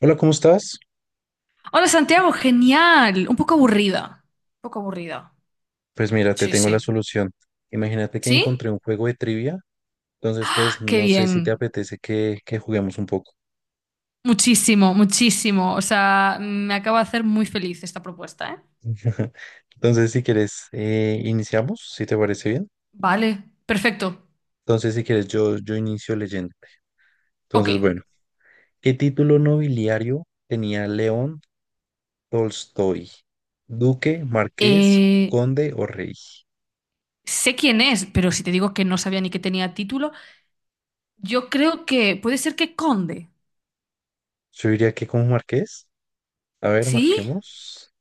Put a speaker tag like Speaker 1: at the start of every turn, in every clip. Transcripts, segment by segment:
Speaker 1: Hola, ¿cómo estás?
Speaker 2: Hola Santiago, genial. Un poco aburrida. Un poco aburrida.
Speaker 1: Pues mira, te
Speaker 2: Sí,
Speaker 1: tengo la
Speaker 2: sí.
Speaker 1: solución. Imagínate que
Speaker 2: ¿Sí?
Speaker 1: encontré un juego de trivia, entonces pues
Speaker 2: ¡Ah! Qué
Speaker 1: no sé si te
Speaker 2: bien.
Speaker 1: apetece que juguemos un poco.
Speaker 2: Muchísimo, muchísimo. O sea, me acaba de hacer muy feliz esta propuesta, ¿eh?
Speaker 1: Entonces si quieres, iniciamos, si te parece bien.
Speaker 2: Vale, perfecto.
Speaker 1: Entonces si quieres, yo inicio leyendo.
Speaker 2: Ok.
Speaker 1: Entonces bueno, ¿qué título nobiliario tenía León Tolstoy? ¿Duque, marqués,
Speaker 2: Eh,
Speaker 1: conde o rey?
Speaker 2: Sé quién es, pero si te digo que no sabía ni que tenía título, yo creo que puede ser que Conde.
Speaker 1: Yo diría que como marqués. A ver,
Speaker 2: ¿Sí?
Speaker 1: marquemos.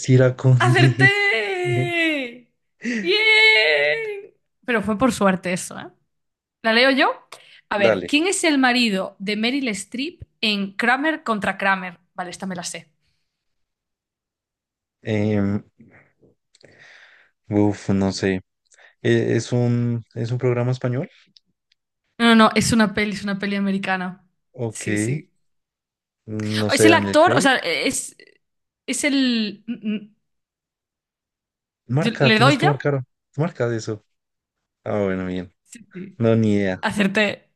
Speaker 1: Si era conde.
Speaker 2: ¡Acerté! ¡Bien! Pero fue por suerte eso, ¿eh? ¿La leo yo? A ver,
Speaker 1: Dale.
Speaker 2: ¿quién es el marido de Meryl Streep en Kramer contra Kramer? Vale, esta me la sé.
Speaker 1: Em, Uf, no sé. ¿Es es un programa español?
Speaker 2: No, no, no, es una peli americana.
Speaker 1: Ok.
Speaker 2: Sí, sí.
Speaker 1: No
Speaker 2: Oh, es
Speaker 1: sé,
Speaker 2: el
Speaker 1: Daniel
Speaker 2: actor, o
Speaker 1: Craig.
Speaker 2: sea, es el...
Speaker 1: Marca,
Speaker 2: ¿Le
Speaker 1: tienes
Speaker 2: doy
Speaker 1: que
Speaker 2: ya?
Speaker 1: marcar. Marca de eso. Ah, bueno, bien.
Speaker 2: Sí, sí.
Speaker 1: No, ni idea.
Speaker 2: Acerté.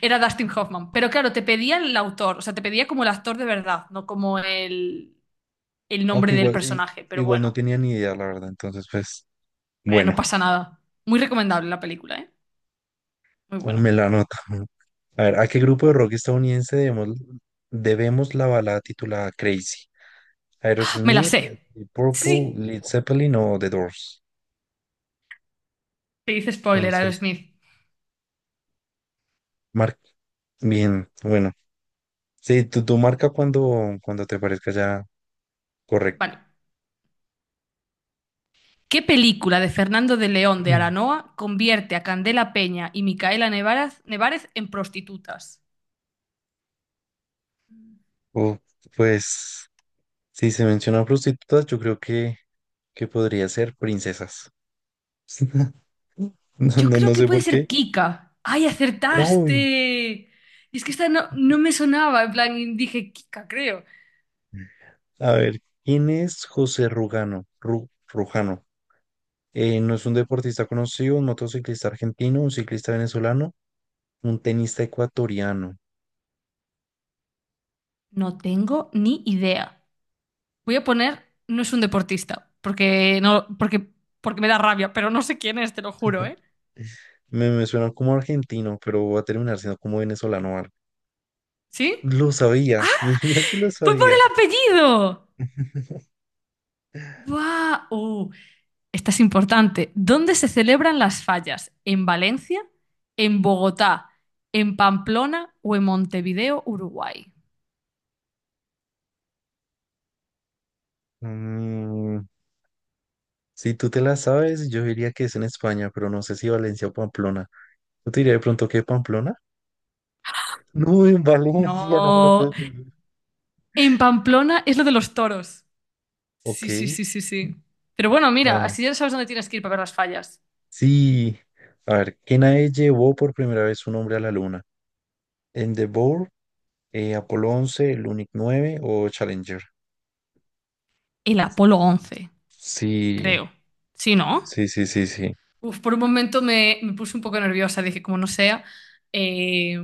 Speaker 2: Era Dustin Hoffman. Pero claro, te pedía el autor, o sea, te pedía como el actor de verdad, no como el nombre
Speaker 1: Aunque
Speaker 2: del personaje. Pero
Speaker 1: igual no
Speaker 2: bueno,
Speaker 1: tenía ni idea, la verdad. Entonces, pues,
Speaker 2: no
Speaker 1: bueno,
Speaker 2: pasa nada. Muy recomendable la película, ¿eh? Muy buena.
Speaker 1: me la anoto. A ver, ¿a qué grupo de rock estadounidense debemos la balada titulada Crazy?
Speaker 2: Me la
Speaker 1: Aerosmith,
Speaker 2: sé.
Speaker 1: The Purple,
Speaker 2: Sí.
Speaker 1: Led Zeppelin o The Doors.
Speaker 2: Te dice spoiler,
Speaker 1: Entonces,
Speaker 2: Aerosmith.
Speaker 1: marca. Bien, bueno. Sí, tú marca cuando te parezca ya.
Speaker 2: Vale.
Speaker 1: Correcto.
Speaker 2: ¿Qué película de Fernando de León de Aranoa convierte a Candela Peña y Micaela Nevarez en prostitutas?
Speaker 1: O, pues, si se mencionan prostitutas, yo creo que podría ser princesas. No,
Speaker 2: Yo
Speaker 1: no,
Speaker 2: creo
Speaker 1: no
Speaker 2: que
Speaker 1: sé
Speaker 2: puede
Speaker 1: por qué.
Speaker 2: ser Kika. ¡Ay,
Speaker 1: Uy,
Speaker 2: acertaste! Es que esta no me sonaba. En plan, dije Kika, creo.
Speaker 1: a ver, ¿quién es José Rugano? Rujano. No es un deportista conocido, un motociclista argentino, un ciclista venezolano, un tenista ecuatoriano.
Speaker 2: No tengo ni idea. Voy a poner, no es un deportista, porque no, porque me da rabia, pero no sé quién es, te lo juro, ¿eh?
Speaker 1: Me suena como argentino, pero voy a terminar siendo como venezolano o algo.
Speaker 2: ¿Sí?
Speaker 1: Lo sabía, mira que lo
Speaker 2: ¡Fue por
Speaker 1: sabía.
Speaker 2: el apellido! ¡Guau! ¡Oh! Esta es importante. ¿Dónde se celebran las fallas? ¿En Valencia? ¿En Bogotá? ¿En Pamplona o en Montevideo, Uruguay?
Speaker 1: Mm, si tú te la sabes, yo diría que es en España, pero no sé si Valencia o Pamplona. Yo te diría de pronto que Pamplona. No, en Valencia, no me lo
Speaker 2: No.
Speaker 1: puedo creer.
Speaker 2: En Pamplona es lo de los toros.
Speaker 1: Ok,
Speaker 2: Sí, sí, sí, sí, sí. Pero bueno,
Speaker 1: a
Speaker 2: mira,
Speaker 1: ver.
Speaker 2: así ya sabes dónde tienes que ir para ver las fallas.
Speaker 1: Sí, a ver, ¿qué nave llevó por primera vez un hombre a la luna? ¿Endeavour, Apolo 11, Lunik 9 o Challenger?
Speaker 2: El Apolo 11,
Speaker 1: Sí,
Speaker 2: creo. ¿Sí, no?
Speaker 1: sí, sí, sí, sí.
Speaker 2: Uf, por un momento me puse un poco nerviosa. Dije, como no sea, eh,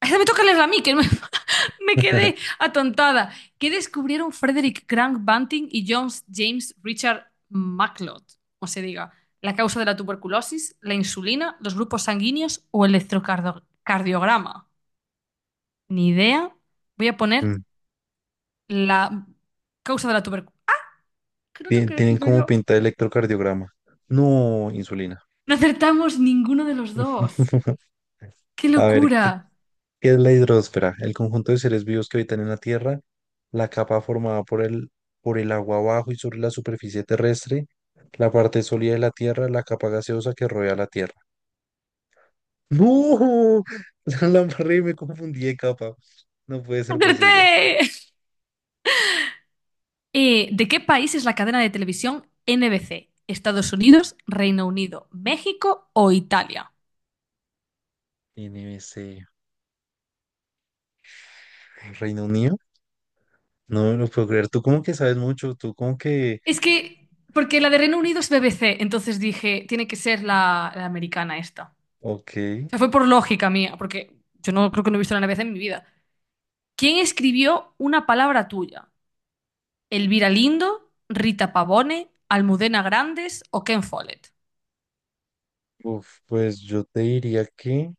Speaker 2: esa me toca leerla a mí, que me, me quedé atontada. ¿Qué descubrieron Frederick Grant Banting y John James Richard McLeod? O se diga, la causa de la tuberculosis, la insulina, los grupos sanguíneos o el electrocardiograma. Ni idea. Voy a poner
Speaker 1: Mm,
Speaker 2: la causa de la tuberculosis. ¿Qué no tengo que
Speaker 1: tienen
Speaker 2: decirlo
Speaker 1: como
Speaker 2: yo?
Speaker 1: pinta de electrocardiograma. No, insulina.
Speaker 2: No acertamos ninguno de los dos. ¡Qué
Speaker 1: A ver,
Speaker 2: locura!
Speaker 1: ¿qué es la hidrosfera? El conjunto de seres vivos que habitan en la Tierra, la capa formada por el agua abajo y sobre la superficie terrestre, la parte sólida de la Tierra, la capa gaseosa que rodea la Tierra. ¡No! La embarré, me confundí de capa. No puede ser
Speaker 2: ¡Acerté!
Speaker 1: posible.
Speaker 2: ¿De qué país es la cadena de televisión NBC? ¿Estados Unidos, Reino Unido, México o Italia?
Speaker 1: NBC. Reino Unido. No me lo puedo creer. Tú como que sabes mucho. Tú como que...
Speaker 2: Es que, porque la de Reino Unido es BBC, entonces dije, tiene que ser la americana esta.
Speaker 1: Ok.
Speaker 2: O sea, fue por lógica mía, porque yo no creo que no he visto la NBC en mi vida. ¿Quién escribió una palabra tuya? ¿Elvira Lindo, Rita Pavone, Almudena Grandes o Ken Follett?
Speaker 1: Uf, pues yo te diría que...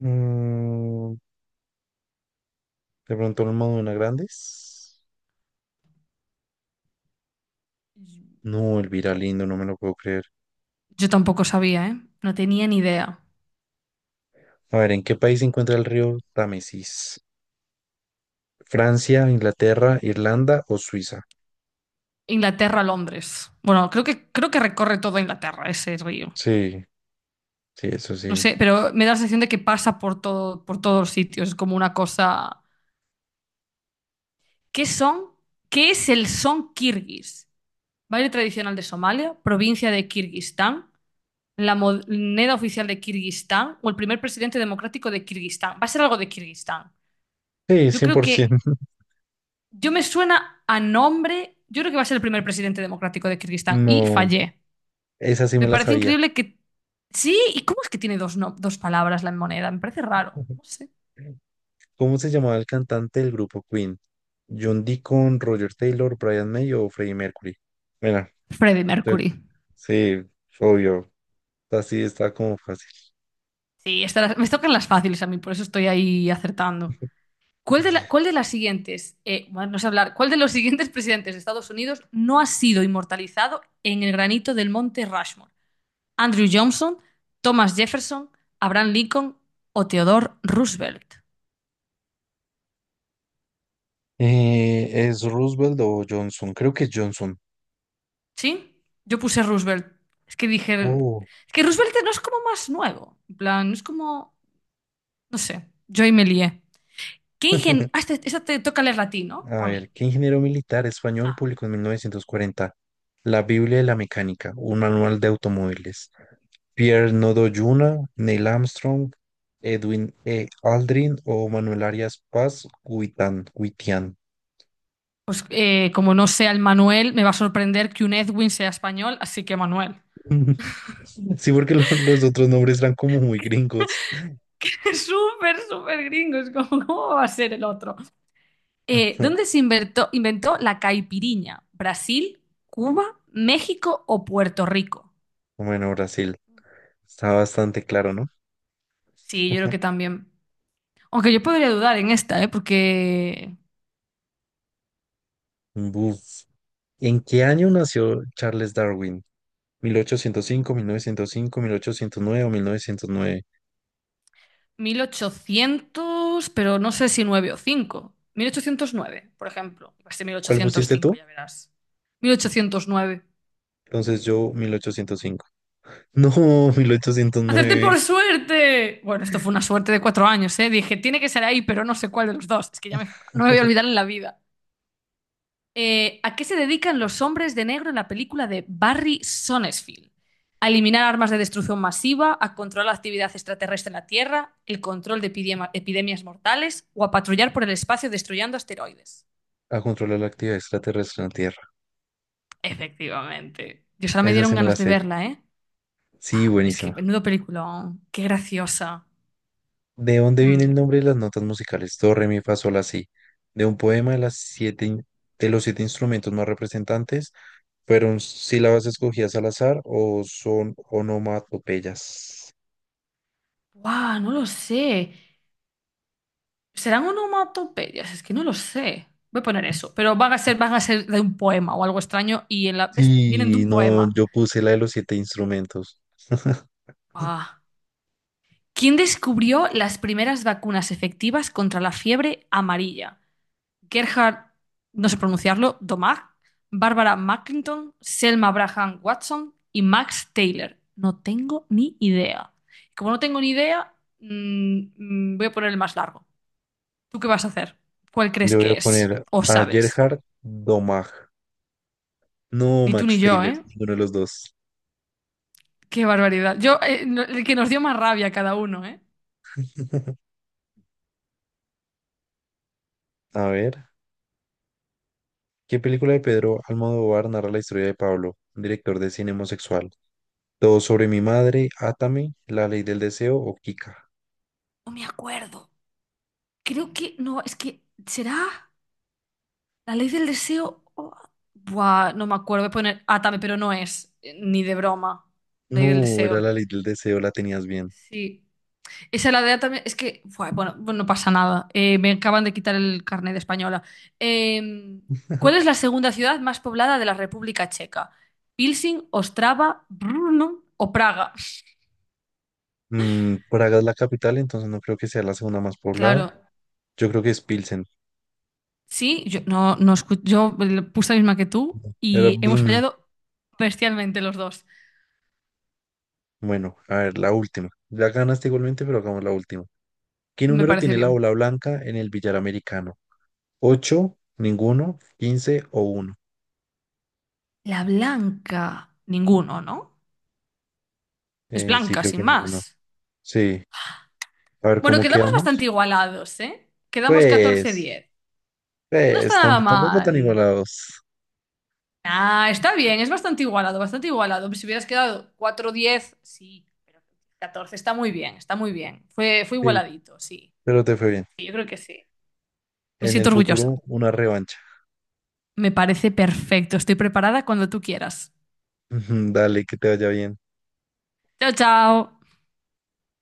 Speaker 1: mm, de pronto los Madonna Grandes. No, Elvira, lindo, no me lo puedo creer.
Speaker 2: Yo tampoco sabía, ¿eh? No tenía ni idea.
Speaker 1: A ver, ¿en qué país se encuentra el río Támesis? ¿Francia, Inglaterra, Irlanda o Suiza?
Speaker 2: Inglaterra, Londres. Bueno, creo que recorre toda Inglaterra ese río.
Speaker 1: Sí, sí, eso
Speaker 2: No
Speaker 1: sí.
Speaker 2: sé, pero me da la sensación de que pasa por todo, por todos los sitios. Es como una cosa. ¿Qué son? ¿Qué es el son kirguís? Baile tradicional de Somalia, provincia de Kirguistán, la moneda oficial de Kirguistán o el primer presidente democrático de Kirguistán. Va a ser algo de Kirguistán.
Speaker 1: Sí,
Speaker 2: Yo creo
Speaker 1: 100%.
Speaker 2: que. Yo me suena a nombre. Yo creo que va a ser el primer presidente democrático de Kirguistán y
Speaker 1: No,
Speaker 2: fallé.
Speaker 1: esa sí me
Speaker 2: Me
Speaker 1: la
Speaker 2: parece
Speaker 1: sabía.
Speaker 2: increíble que... Sí, ¿y cómo es que tiene dos, dos palabras la moneda? Me parece raro. No sé.
Speaker 1: ¿Cómo se llamaba el cantante del grupo Queen? ¿John Deacon, Roger Taylor, Brian May o Freddie Mercury? Mira,
Speaker 2: Freddie
Speaker 1: te-
Speaker 2: Mercury.
Speaker 1: sí, obvio. Así está como fácil.
Speaker 2: Sí, estas me tocan las fáciles a mí, por eso estoy ahí acertando. ¿Cuál de, cuál de las siguientes, bueno, no sé hablar, cuál de los siguientes presidentes de Estados Unidos no ha sido inmortalizado en el granito del monte Rushmore? Andrew Johnson, Thomas Jefferson, Abraham Lincoln o Theodore Roosevelt.
Speaker 1: ¿Es Roosevelt o Johnson? Creo que es Johnson.
Speaker 2: ¿Sí? Yo puse Roosevelt. Es que dije,
Speaker 1: Oh.
Speaker 2: es que Roosevelt no es como más nuevo. En plan, no es como. No sé, yo ahí me lié. Ah, esta te toca leer a, ¿no?
Speaker 1: A
Speaker 2: ¿O a
Speaker 1: ver,
Speaker 2: mí?
Speaker 1: ¿qué ingeniero militar español
Speaker 2: Ah,
Speaker 1: publicó en 1940 La Biblia de la Mecánica, un manual de automóviles? Pierre Nodoyuna, Neil Armstrong, Edwin E. Aldrin o Manuel Arias Paz Guitán, Guitián.
Speaker 2: pues como no sea el Manuel, me va a sorprender que un Edwin sea español, así que Manuel.
Speaker 1: Sí, porque los otros nombres eran como muy gringos.
Speaker 2: Es súper, súper gringo, es como, ¿cómo va a ser el otro? ¿Dónde se inventó la caipiriña? ¿Brasil, Cuba, México o Puerto Rico?
Speaker 1: Bueno, Brasil, está bastante claro, ¿no?
Speaker 2: Sí, yo creo que también. Aunque yo podría dudar en esta, ¿eh? Porque
Speaker 1: Buf. ¿En qué año nació Charles Darwin? 1805, cinco, 905, 1809 o 1909.
Speaker 2: 1800 pero no sé si 9 o cinco 1809 por ejemplo. Iba a ser mil
Speaker 1: ¿Cuál
Speaker 2: ochocientos
Speaker 1: pusiste
Speaker 2: cinco
Speaker 1: tú?
Speaker 2: ya verás. 1809.
Speaker 1: Entonces yo 1805. No, mil ochocientos
Speaker 2: ¡Acerté
Speaker 1: nueve.
Speaker 2: por suerte! Bueno, esto fue una suerte de 4 años, ¿eh? Dije, tiene que ser ahí, pero no sé cuál de los dos. Es que ya no me voy a olvidar en la vida. ¿A qué se dedican los hombres de negro en la película de Barry Sonnenfeld? A eliminar armas de destrucción masiva, a controlar la actividad extraterrestre en la Tierra, el control de epidemias mortales o a patrullar por el espacio destruyendo asteroides.
Speaker 1: A controlar la actividad extraterrestre en la Tierra.
Speaker 2: Efectivamente. Dios, ahora me
Speaker 1: Esa
Speaker 2: dieron
Speaker 1: se me la
Speaker 2: ganas de
Speaker 1: sé.
Speaker 2: verla, ¿eh?
Speaker 1: Sí,
Speaker 2: Ah, es que
Speaker 1: buenísima.
Speaker 2: menudo película. Qué graciosa.
Speaker 1: ¿De dónde viene el nombre de las notas musicales? Do, re, mi, fa, sol, la, si. De un poema de las siete, de los siete instrumentos más representantes. ¿Fueron sílabas escogidas al azar o son onomatopeyas?
Speaker 2: Wow, no lo sé. ¿Serán onomatopeyas? Es que no lo sé. Voy a poner eso. Pero van a ser de un poema o algo extraño y en la, ¿ves? Vienen de
Speaker 1: Sí,
Speaker 2: un
Speaker 1: no,
Speaker 2: poema.
Speaker 1: yo puse la de los siete instrumentos.
Speaker 2: Ah. ¿Quién descubrió las primeras vacunas efectivas contra la fiebre amarilla? Gerhard, no sé pronunciarlo, Domag, Barbara Mackington, Selma Braham Watson y Max Taylor. No tengo ni idea. Como no tengo ni idea, voy a poner el más largo. ¿Tú qué vas a hacer? ¿Cuál crees
Speaker 1: Yo voy a
Speaker 2: que es?
Speaker 1: poner
Speaker 2: ¿O
Speaker 1: a
Speaker 2: sabes?
Speaker 1: Gerhard Domag. No,
Speaker 2: Ni tú
Speaker 1: Max
Speaker 2: ni yo,
Speaker 1: Taylor,
Speaker 2: ¿eh?
Speaker 1: ninguno de los dos.
Speaker 2: Qué barbaridad. Yo, el que nos dio más rabia a cada uno, ¿eh?
Speaker 1: A ver, ¿qué película de Pedro Almodóvar narra la historia de Pablo, un director de cine homosexual? Todo sobre mi madre, Átame, La ley del deseo o Kika.
Speaker 2: No me acuerdo. Creo que no, es que será. La ley del deseo. Oh, buah, no me acuerdo. Voy a poner Atame, pero no es. Ni de broma. Ley del
Speaker 1: No, era
Speaker 2: deseo.
Speaker 1: La ley del deseo, la tenías bien.
Speaker 2: Sí. Esa la de Atame. Es que. Buah, bueno, bueno, no pasa nada. Me acaban de quitar el carnet de española. Eh, ¿Cuál es la segunda ciudad más poblada de la República Checa? ¿Pilsing, Ostrava, Brno o Praga?
Speaker 1: Mm, Praga es la capital, entonces no creo que sea la segunda más poblada.
Speaker 2: Claro.
Speaker 1: Yo creo que es Pilsen.
Speaker 2: Sí, yo no, yo le puse la misma que tú
Speaker 1: Era
Speaker 2: y hemos
Speaker 1: Brno.
Speaker 2: fallado bestialmente los dos.
Speaker 1: Bueno, a ver, la última. Ya ganaste igualmente, pero hagamos la última. ¿Qué
Speaker 2: Me
Speaker 1: número
Speaker 2: parece
Speaker 1: tiene la
Speaker 2: bien.
Speaker 1: bola blanca en el billar americano? 8, ninguno, 15 o uno.
Speaker 2: La blanca. Ninguno, ¿no? Es
Speaker 1: Sí,
Speaker 2: blanca,
Speaker 1: creo
Speaker 2: sin
Speaker 1: que ninguno.
Speaker 2: más.
Speaker 1: Sí. A ver,
Speaker 2: Bueno,
Speaker 1: ¿cómo
Speaker 2: quedamos bastante
Speaker 1: quedamos?
Speaker 2: igualados, ¿eh? Quedamos catorce
Speaker 1: Pues,
Speaker 2: diez No está
Speaker 1: pues
Speaker 2: nada
Speaker 1: tampoco tan
Speaker 2: mal.
Speaker 1: igualados.
Speaker 2: Ah, está bien, es bastante igualado, bastante igualado. Si hubieras quedado 4-10 sí, pero 14 está muy bien, está muy bien. Fue
Speaker 1: Sí,
Speaker 2: igualadito, sí.
Speaker 1: pero te fue bien.
Speaker 2: Sí, yo creo que sí. Me
Speaker 1: En el
Speaker 2: siento orgullosa.
Speaker 1: futuro, una revancha.
Speaker 2: Me parece perfecto. Estoy preparada cuando tú quieras.
Speaker 1: Dale, que te vaya bien.
Speaker 2: Chao, chao.